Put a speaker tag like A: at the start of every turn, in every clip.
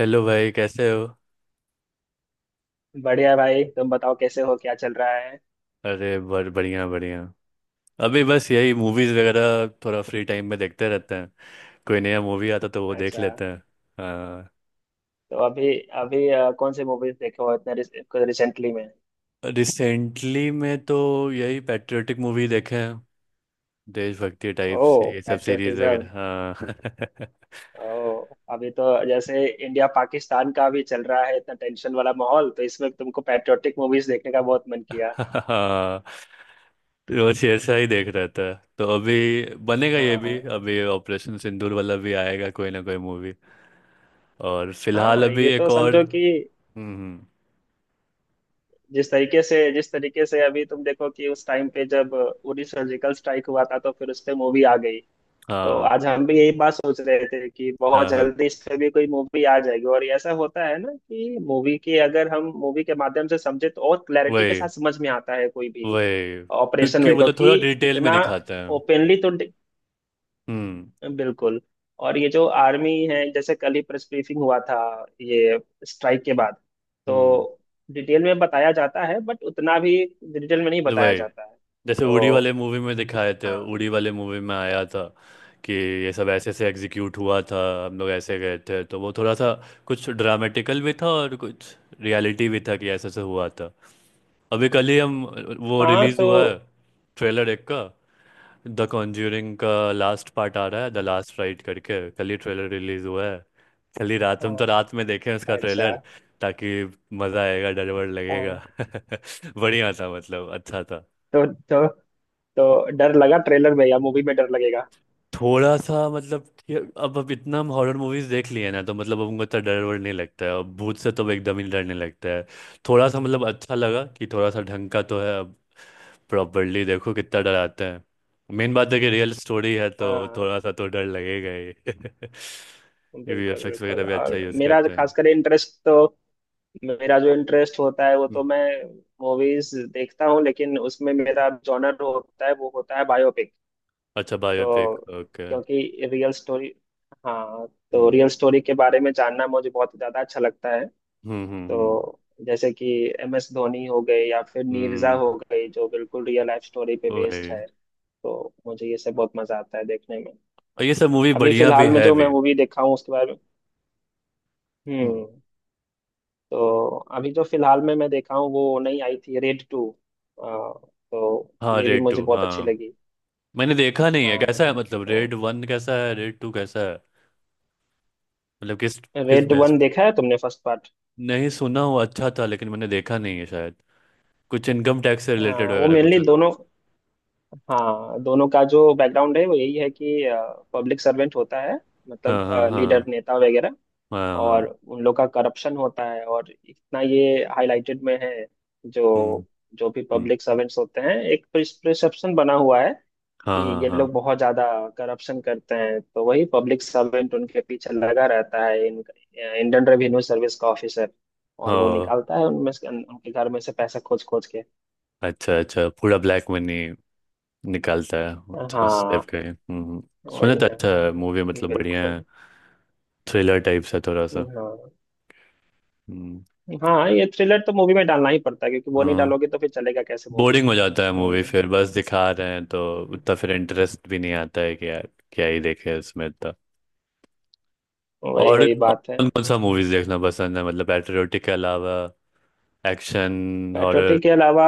A: Hello भाई कैसे हो।
B: बढ़िया भाई, तुम बताओ कैसे हो, क्या चल रहा है।
A: अरे बर बढ़िया बढ़िया। अभी बस यही मूवीज वगैरह थोड़ा फ्री टाइम में देखते रहते हैं। कोई नया मूवी आता तो वो देख
B: अच्छा।
A: लेते हैं। हाँ।
B: तो अभी अभी कौन सी मूवीज देखे हो इतने रिसेंटली में।
A: रिसेंटली में तो यही पैट्रियोटिक मूवी देखे हैं। देशभक्ति टाइप
B: ओ,
A: से ये सब सीरीज
B: पैट्रियोटिज्म।
A: वगैरह हाँ।
B: ओ। अभी तो जैसे इंडिया पाकिस्तान का भी चल रहा है, इतना टेंशन वाला माहौल, तो इसमें तुमको पैट्रियोटिक मूवीज देखने का बहुत मन किया।
A: हाँ। रोज ऐसा ही देख रहा था तो अभी बनेगा ये भी,
B: हाँ।
A: अभी ऑपरेशन सिंदूर वाला भी आएगा कोई ना कोई मूवी। और फिलहाल
B: हाँ,
A: अभी
B: ये तो
A: एक और।
B: समझो कि
A: हम्म, हम्म।
B: जिस तरीके से अभी तुम देखो कि उस टाइम पे जब उरी सर्जिकल स्ट्राइक हुआ था तो फिर उस पे मूवी आ गई। तो
A: हाँ,
B: आज हम भी यही बात सोच रहे थे कि बहुत
A: हाँ, हाँ।
B: जल्दी इस पे भी कोई मूवी आ जाएगी। और ऐसा होता है ना कि मूवी के अगर हम मूवी के माध्यम से समझे तो और क्लैरिटी के साथ
A: वही
B: समझ में आता है कोई भी
A: वही
B: ऑपरेशन।
A: क्योंकि
B: वे
A: वो लोग
B: क्योंकि
A: थोड़ा डिटेल में
B: इतना
A: दिखाते हैं।
B: ओपनली तो
A: हम्म,
B: बिल्कुल। और ये जो आर्मी है, जैसे कल ही प्रेस ब्रीफिंग हुआ था, ये स्ट्राइक के बाद,
A: हम्म।
B: तो डिटेल में बताया जाता है, बट उतना भी डिटेल में नहीं बताया
A: वही,
B: जाता है।
A: जैसे उड़ी
B: तो
A: वाले मूवी में दिखाए थे,
B: हाँ।
A: उड़ी वाले मूवी में आया था कि ये सब ऐसे ऐसे एग्जीक्यूट हुआ था, हम लोग ऐसे गए थे, तो वो थोड़ा सा कुछ ड्रामेटिकल भी था और कुछ रियलिटी भी था कि ऐसे ऐसे हुआ था। अभी कल ही हम, वो
B: हाँ।
A: रिलीज
B: तो
A: हुआ है ट्रेलर एक का, द कॉन्ज्यूरिंग का लास्ट पार्ट आ रहा है द लास्ट राइट करके, कल ही ट्रेलर रिलीज हुआ है। चलिए रात हम तो
B: हाँ,
A: रात में देखें उसका
B: अच्छा।
A: ट्रेलर ताकि मजा आएगा, डर वर लगेगा।
B: हाँ
A: बढ़िया था मतलब अच्छा था।
B: तो तो डर लगा ट्रेलर में या मूवी में डर लगेगा?
A: थोड़ा सा मतलब कि अब इतना हम हॉरर मूवीज देख लिए ना, तो मतलब अब उनको इतना डर वर नहीं लगता है, अब भूत से तो एकदम ही डरने लगता है। थोड़ा सा मतलब अच्छा लगा कि थोड़ा सा ढंग का तो है अब, प्रॉपरली देखो कितना डराते हैं। मेन बात है कि रियल स्टोरी है तो
B: हाँ,
A: थोड़ा सा तो डर लगेगा ही।
B: बिल्कुल
A: वीएफएक्स
B: बिल्कुल।
A: वगैरह भी अच्छा
B: और
A: यूज
B: मेरा जो
A: करते हैं।
B: खासकर इंटरेस्ट, तो मेरा जो इंटरेस्ट होता है वो
A: हम्म।
B: तो मैं मूवीज देखता हूँ, लेकिन उसमें मेरा जॉनर होता है वो होता है बायोपिक।
A: अच्छा, बायोपिक
B: तो
A: ओके।
B: क्योंकि रियल स्टोरी, हाँ, तो रियल स्टोरी के बारे में जानना मुझे बहुत ज्यादा अच्छा लगता है।
A: हम्म, हम्म, हम्म।
B: तो जैसे कि MS धोनी हो गए, या फिर नीरजा
A: हम्म।
B: हो गई, जो बिल्कुल रियल लाइफ स्टोरी पे बेस्ड
A: वही।
B: है, तो मुझे ये सब बहुत मजा आता है देखने में।
A: और ये सब मूवी
B: अभी
A: बढ़िया भी
B: फिलहाल में
A: है
B: जो मैं
A: भी।
B: मूवी देखा हूँ उसके बारे में
A: हम्म।
B: हम्म तो अभी जो फिलहाल में मैं देखा हूँ वो नई आई थी, रेड टू। तो
A: हाँ,
B: ये भी
A: रेड
B: मुझे
A: टू,
B: बहुत अच्छी
A: हाँ
B: लगी।
A: मैंने देखा नहीं है,
B: हाँ।
A: कैसा है मतलब?
B: तो
A: रेड वन कैसा है, रेड टू कैसा है? मतलब किस, किस
B: रेड
A: बेस
B: वन
A: पे?
B: देखा है तुमने? First part?
A: नहीं, सुना हुआ अच्छा था लेकिन मैंने देखा नहीं है शायद। कुछ इनकम टैक्स से रिलेटेड
B: हाँ, वो
A: वगैरह कुछ
B: मेनली
A: है ना?
B: दोनों, हाँ, दोनों का जो बैकग्राउंड है वो यही है कि पब्लिक सर्वेंट होता है,
A: हाँ,
B: मतलब
A: हाँ,
B: लीडर,
A: हाँ।
B: नेता वगैरह,
A: हाँ,
B: और
A: हाँ।
B: उन लोग का करप्शन होता है, और इतना ये हाईलाइटेड में है,
A: हम्म,
B: जो जो भी
A: हम्म।
B: पब्लिक सर्वेंट्स होते हैं, एक प्रिसेप्शन बना हुआ है कि
A: हाँ, हाँ,
B: ये
A: हाँ।
B: लोग बहुत ज्यादा करप्शन करते हैं, तो वही पब्लिक सर्वेंट उनके पीछे लगा रहता है, इन इंडियन रेवेन्यू सर्विस का ऑफिसर। और वो
A: हाँ,
B: निकालता है उनमें से उनके घर में से पैसा खोज खोज के।
A: अच्छा अच्छा, पूरा ब्लैक मनी निकालता है। अच्छा, उस टाइप
B: हाँ,
A: का है। हम्म। सुना
B: वही
A: तो
B: ना।
A: अच्छा है मूवी, मतलब बढ़िया है।
B: बिल्कुल।
A: थ्रिलर टाइप सा थोड़ा सा।
B: हाँ।
A: हम्म।
B: हाँ, ये थ्रिलर तो मूवी में डालना ही पड़ता है, क्योंकि वो नहीं
A: हाँ,
B: डालोगे तो फिर चलेगा कैसे मूवी।
A: बोरिंग हो जाता है मूवी फिर, बस दिखा रहे हैं तो
B: हम्म।
A: उतना फिर इंटरेस्ट भी नहीं आता है कि यार क्या ही देखे इसमें इतना।
B: वही
A: और
B: वही बात है।
A: कौन कौन सा मूवीज देखना पसंद है मतलब, पैट्रियोटिक के अलावा? Action, horror.
B: पैट्रियोटिक के अलावा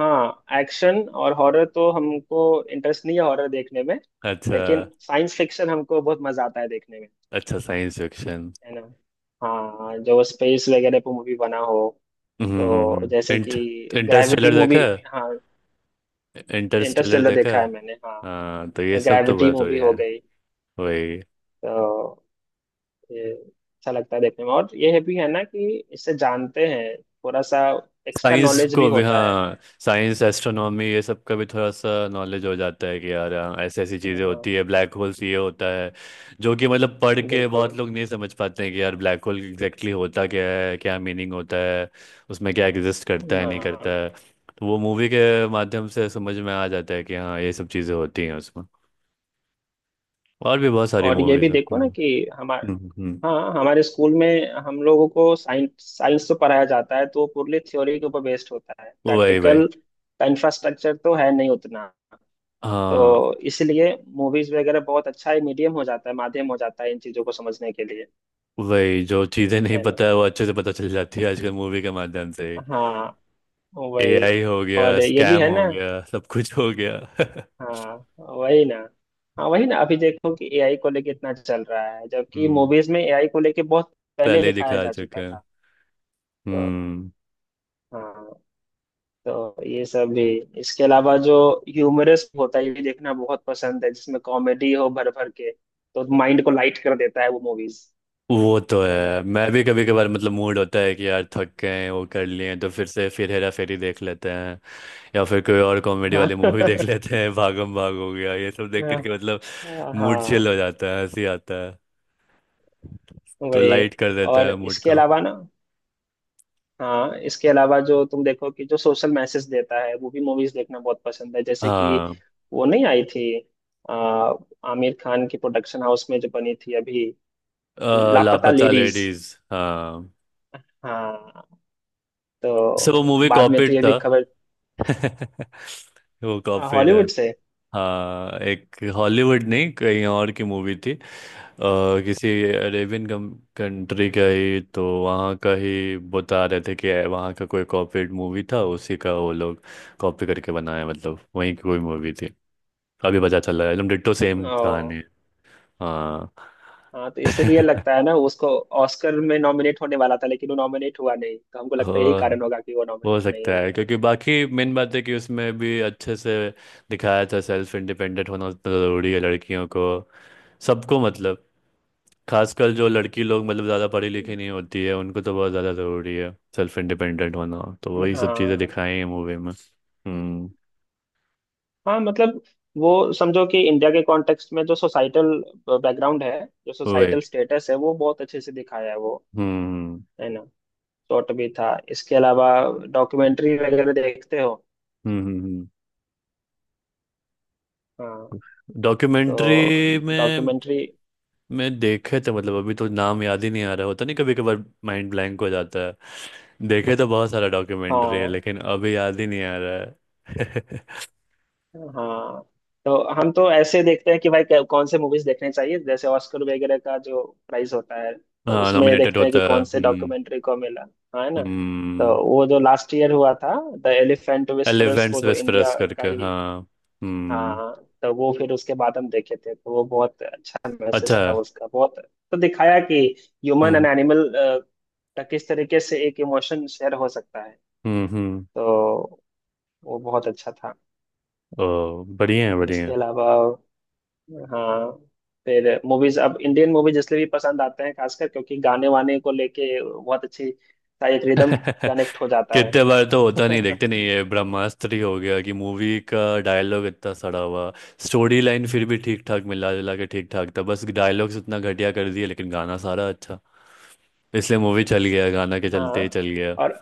B: हाँ, एक्शन और हॉरर तो हमको इंटरेस्ट नहीं है हॉरर देखने में,
A: अच्छा।
B: लेकिन साइंस फिक्शन हमको बहुत मजा आता है देखने में।
A: अच्छा, साइंस फिक्शन।
B: है ना। हाँ, जो स्पेस वगैरह पे मूवी बना हो, तो
A: हम्म
B: जैसे
A: इंट
B: कि ग्रेविटी
A: इंटरस्टेलर देखा
B: मूवी।
A: है?
B: हाँ,
A: इंटरस्टेलर
B: इंटरस्टेलर
A: देखा
B: देखा
A: है।
B: है मैंने, हाँ।
A: हाँ तो ये सब तो
B: ग्रेविटी
A: बड़ा
B: मूवी
A: बढ़िया
B: हो
A: है।
B: गई।
A: वही।
B: तो ये अच्छा लगता है देखने में, और ये भी है ना कि इससे जानते हैं, थोड़ा सा एक्स्ट्रा
A: साइंस
B: नॉलेज
A: को
B: भी
A: भी,
B: होता है।
A: हाँ साइंस, एस्ट्रोनॉमी, ये सब का भी थोड़ा सा नॉलेज हो जाता है कि यार हाँ, ऐसी ऐसी चीज़ें
B: हाँ।
A: होती है, ब्लैक होल्स ये होता है, जो कि मतलब पढ़ के
B: बिल्कुल।
A: बहुत लोग नहीं समझ पाते हैं कि यार ब्लैक होल एग्जैक्टली होता क्या है, क्या मीनिंग होता है, उसमें क्या एग्जिस्ट करता है नहीं करता
B: हाँ।
A: है। तो वो मूवी के माध्यम से समझ में आ जाता है कि हाँ ये सब चीज़ें होती हैं उसमें। और भी बहुत सारी
B: और ये भी
A: मूवीज़ हैं।
B: देखो
A: हम्म,
B: ना कि हमारे,
A: हम्म, हम्म।
B: हाँ, हमारे स्कूल में हम लोगों को साइंस साइंस तो पढ़ाया जाता है, तो वो पूरी थ्योरी के ऊपर बेस्ड होता है,
A: वही वही।
B: प्रैक्टिकल का इंफ्रास्ट्रक्चर तो है नहीं उतना,
A: हाँ,
B: तो इसलिए मूवीज वगैरह बहुत अच्छा ही मीडियम हो जाता है, माध्यम हो जाता है इन चीजों को समझने के लिए।
A: वही, जो चीज़ें नहीं
B: है ना।
A: पता है वो अच्छे से पता चल जाती है आजकल मूवी के माध्यम से।
B: हाँ। वही।
A: एआई हो गया,
B: और ये भी
A: स्कैम
B: है
A: हो
B: ना।
A: गया, सब कुछ हो गया।
B: हाँ, वही ना। हाँ, वही ना, अभी देखो कि AI को लेके इतना चल रहा है, जबकि
A: हम्म।
B: मूवीज में AI को लेके बहुत पहले
A: पहले ही
B: दिखाया
A: दिखा
B: जा
A: चुके
B: चुका
A: हैं।
B: था। तो
A: हम्म।
B: हाँ, तो ये सब भी, इसके अलावा जो ह्यूमरस होता है, ये भी देखना बहुत पसंद है, जिसमें कॉमेडी हो भर भर के, तो माइंड को लाइट कर देता है वो मूवीज।
A: वो तो
B: है ना।
A: है, मैं भी कभी कभार मतलब मूड होता है कि यार थक गए हैं, वो कर लिए हैं, तो फिर से फिर हेरा फेरी देख लेते हैं, या फिर कोई और कॉमेडी वाली मूवी देख
B: हाँ।
A: लेते हैं, भागम भाग हो गया ये सब देख करके, मतलब मूड
B: हाँ।
A: चिल हो जाता है, हंसी आता है, तो
B: वही।
A: लाइट कर देता
B: और
A: है मूड
B: इसके
A: को।
B: अलावा ना, हाँ, इसके अलावा जो तुम देखो कि जो सोशल मैसेज देता है वो भी मूवीज देखना बहुत पसंद है। जैसे कि
A: हाँ।
B: वो नहीं आई थी, आ, आमिर खान की प्रोडक्शन हाउस में जो बनी थी अभी, लापता
A: लापता
B: लेडीज।
A: लेडीज। हाँ।
B: हाँ।
A: सो वो
B: तो
A: मूवी
B: बाद में तो
A: कॉपीड
B: ये भी
A: था।
B: खबर,
A: वो कॉपीड है।
B: हॉलीवुड से।
A: हाँ, एक हॉलीवुड नहीं कहीं और की मूवी थी। किसी अरेबियन कंट्री का ही, तो वहाँ का ही बता रहे थे कि वहाँ का कोई कॉपीड मूवी था उसी का, वो लोग कॉपी करके बनाया, मतलब वहीं की कोई मूवी थी। अभी पता चला है एकदम डिट्टो सेम कहानी
B: ओ।
A: है। हाँ।
B: हाँ, तो इसलिए लगता है ना, उसको ऑस्कर में नॉमिनेट होने वाला था लेकिन वो नॉमिनेट हुआ नहीं, तो हमको लगता है यही
A: हो
B: कारण होगा कि वो
A: हो
B: नॉमिनेट
A: सकता
B: नहीं
A: है
B: हुआ।
A: क्योंकि बाकी मेन बात है कि उसमें भी अच्छे से दिखाया था, सेल्फ इंडिपेंडेंट होना उतना ज़रूरी है लड़कियों को, सबको, मतलब खासकर जो लड़की लोग मतलब ज़्यादा पढ़ी लिखी नहीं होती है उनको तो बहुत ज़्यादा ज़रूरी है सेल्फ इंडिपेंडेंट होना, तो वही सब चीज़ें
B: हाँ।
A: दिखाई हैं मूवी में। हम्म।
B: हाँ, मतलब, वो समझो कि इंडिया के कॉन्टेक्स्ट में जो सोसाइटल बैकग्राउंड है, जो
A: वही।
B: सोसाइटल स्टेटस है वो बहुत अच्छे से दिखाया है वो।
A: हम्म,
B: है ना। शॉर्ट भी था। इसके अलावा डॉक्यूमेंट्री वगैरह देखते हो?
A: हम्म।
B: हाँ।
A: डॉक्यूमेंट्री
B: तो
A: में
B: डॉक्यूमेंट्री,
A: मैं देखे थे मतलब, अभी तो नाम याद ही नहीं आ रहा, होता नहीं कभी कभार माइंड ब्लैंक हो जाता है, देखे तो बहुत सारा डॉक्यूमेंट्री है
B: हाँ।
A: लेकिन अभी याद ही नहीं आ रहा है।
B: हाँ, तो हम तो ऐसे देखते हैं कि भाई कौन से मूवीज देखने चाहिए, जैसे ऑस्कर वगैरह का जो प्राइस होता है, तो
A: हाँ,
B: उसमें
A: नॉमिनेटेड
B: देखते हैं
A: होता
B: कि
A: है।
B: कौन से
A: हम्म।
B: डॉक्यूमेंट्री को मिला। हाँ। है ना। तो
A: हम्म।
B: वो जो लास्ट ईयर हुआ था, द एलिफेंट विस्परर्स
A: एलिफेंट्स
B: को, जो इंडिया
A: वेस्परस
B: का
A: करके,
B: ही,
A: हाँ। हम्म।
B: हाँ, तो वो फिर उसके बाद हम देखे थे, तो वो बहुत अच्छा
A: अच्छा
B: मैसेज था
A: है।
B: उसका, बहुत। तो दिखाया कि ह्यूमन
A: हम्म,
B: एंड एनिमल का किस तरीके से एक इमोशन शेयर हो सकता है,
A: हम्म, हम्म।
B: तो वो बहुत अच्छा था।
A: ओ बढ़िया है,
B: इसके
A: बढ़िया
B: अलावा, हाँ, फिर मूवीज, अब इंडियन मूवीज इसलिए भी पसंद आते हैं खासकर, क्योंकि गाने वाने को लेके बहुत अच्छी सा एक रिदम
A: है।
B: कनेक्ट हो जाता है।
A: कितने बार तो होता नहीं, देखते नहीं, ये ब्रह्मास्त्र ही हो गया कि मूवी का डायलॉग इतना सड़ा हुआ, स्टोरी लाइन फिर भी ठीक ठाक मिला जुला के ठीक ठाक था, बस डायलॉग्स इतना घटिया कर दिए, लेकिन गाना सारा अच्छा, इसलिए मूवी चल गया, गाना के
B: हाँ।
A: चलते ही चल गया।
B: और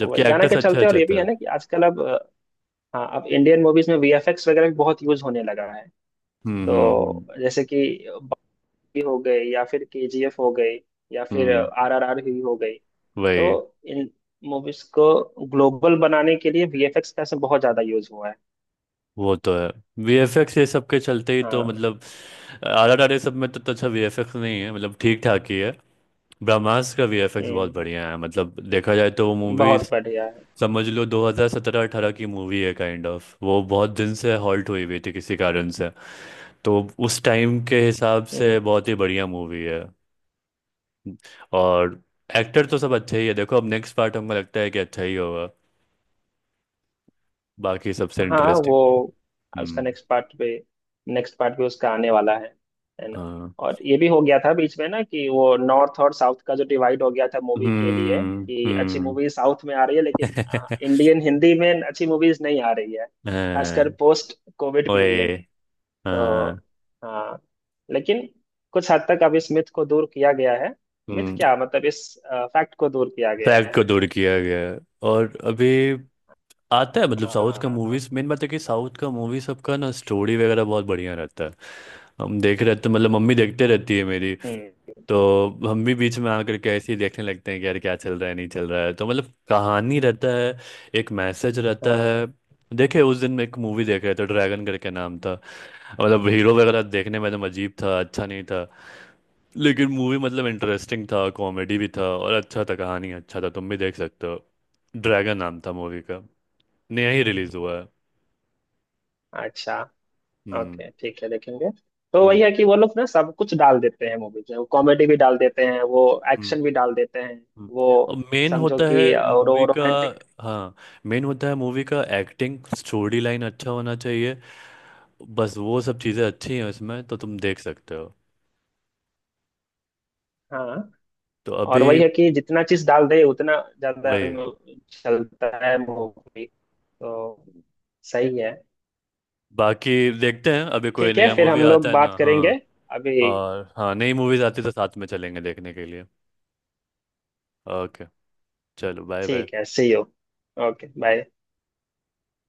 A: जबकि
B: वही गाना
A: एक्टर्स
B: के
A: अच्छा
B: चलते। और
A: अच्छा
B: ये भी है
A: था।
B: ना कि आजकल हाँ, अब इंडियन मूवीज में VFX वगैरह भी बहुत यूज होने लगा है।
A: हम्म, हम्म, हम्म।
B: तो जैसे कि बागी हो गई, या फिर KGF हो गई, या फिर
A: हम्म।
B: RRR ही हो गई, तो
A: वही।
B: इन मूवीज को ग्लोबल बनाने के लिए VFX का इसमें बहुत ज्यादा यूज हुआ है।
A: वो तो है, वीएफएक्स ये सब के चलते ही तो
B: हाँ।
A: मतलब आर आर आर सब में तो अच्छा वीएफएक्स नहीं है, मतलब ठीक ठाक ही है। ब्रह्मास्त्र का वीएफएक्स बहुत
B: हम्म।
A: बढ़िया है, मतलब देखा जाए तो वो मूवी,
B: बहुत बढ़िया है।
A: समझ लो 2017-18 की मूवी है काइंड ऑफ, वो बहुत दिन से हॉल्ट हुई हुई थी किसी कारण से, तो उस टाइम के हिसाब
B: हम्म।
A: से बहुत ही बढ़िया मूवी है। और एक्टर तो सब अच्छे ही है, देखो अब नेक्स्ट पार्ट हमको लगता है कि अच्छा ही होगा, बाकी सबसे
B: हाँ, वो
A: इंटरेस्टिंग।
B: उसका
A: हम्म।
B: नेक्स्ट पार्ट पे, नेक्स्ट पार्ट भी उसका आने वाला है। है ना।
A: हाँ।
B: और ये भी हो गया था बीच में ना कि वो नॉर्थ और साउथ का जो डिवाइड हो गया था मूवी के लिए,
A: हम्म,
B: कि अच्छी
A: हम्म।
B: मूवी साउथ में आ रही है लेकिन इंडियन हिंदी में अच्छी मूवीज नहीं आ रही है, खासकर
A: हाँ।
B: Post COVID period.
A: ओए,
B: तो
A: हाँ।
B: हाँ, लेकिन कुछ हद तक अब इस मिथ को दूर किया गया है। मिथ
A: हम्म।
B: क्या, मतलब इस फैक्ट को दूर किया गया
A: फैक्ट
B: है।
A: को दूर किया गया है। और अभी आता है मतलब साउथ का
B: हाँ।
A: मूवीज, मेन बात है कि साउथ का मूवी सबका ना स्टोरी वगैरह बहुत बढ़िया रहता है। हम देख रहे तो मतलब, मम्मी देखते रहती है मेरी,
B: हम्म।
A: तो हम भी बीच में आकर के ऐसे ही देखने लगते हैं कि यार क्या चल रहा है नहीं चल रहा है, तो मतलब कहानी रहता है, एक मैसेज रहता
B: हाँ।
A: है। देखे उस दिन मैं एक मूवी देख रहा था, ड्रैगन करके नाम था, मतलब हीरो वगैरह देखने में एकदम अजीब था, अच्छा नहीं था, लेकिन मूवी मतलब इंटरेस्टिंग था, कॉमेडी भी था और अच्छा था, कहानी अच्छा था, तुम भी देख सकते हो। ड्रैगन नाम था मूवी, नया ही रिलीज हुआ है।
B: अच्छा।
A: हम्म,
B: ओके, ठीक है, देखेंगे। तो
A: हम्म,
B: वही है कि वो लोग ना सब कुछ डाल देते हैं मूवीज में, वो कॉमेडी भी डाल देते हैं, वो
A: हम्म।
B: एक्शन भी डाल देते हैं,
A: हम्म।
B: वो
A: और मेन
B: समझो
A: होता है
B: कि, और वो
A: मूवी का,
B: रोमांटिक,
A: हाँ मेन होता है मूवी का, एक्टिंग स्टोरी लाइन अच्छा होना चाहिए, बस वो सब चीज़ें अच्छी हैं उसमें तो तुम देख सकते हो।
B: हाँ।
A: तो
B: और
A: अभी
B: वही है कि जितना चीज डाल दे उतना ज्यादा
A: वही।
B: चलता है मूवी, तो सही है।
A: बाकी देखते हैं अभी कोई
B: ठीक है,
A: नया
B: फिर
A: मूवी
B: हम
A: आता
B: लोग
A: है ना,
B: बात
A: हाँ।
B: करेंगे अभी।
A: और हाँ, नई मूवीज आती है तो साथ में चलेंगे देखने के लिए। ओके चलो, बाय बाय।
B: ठीक है, C U। Okay, bye.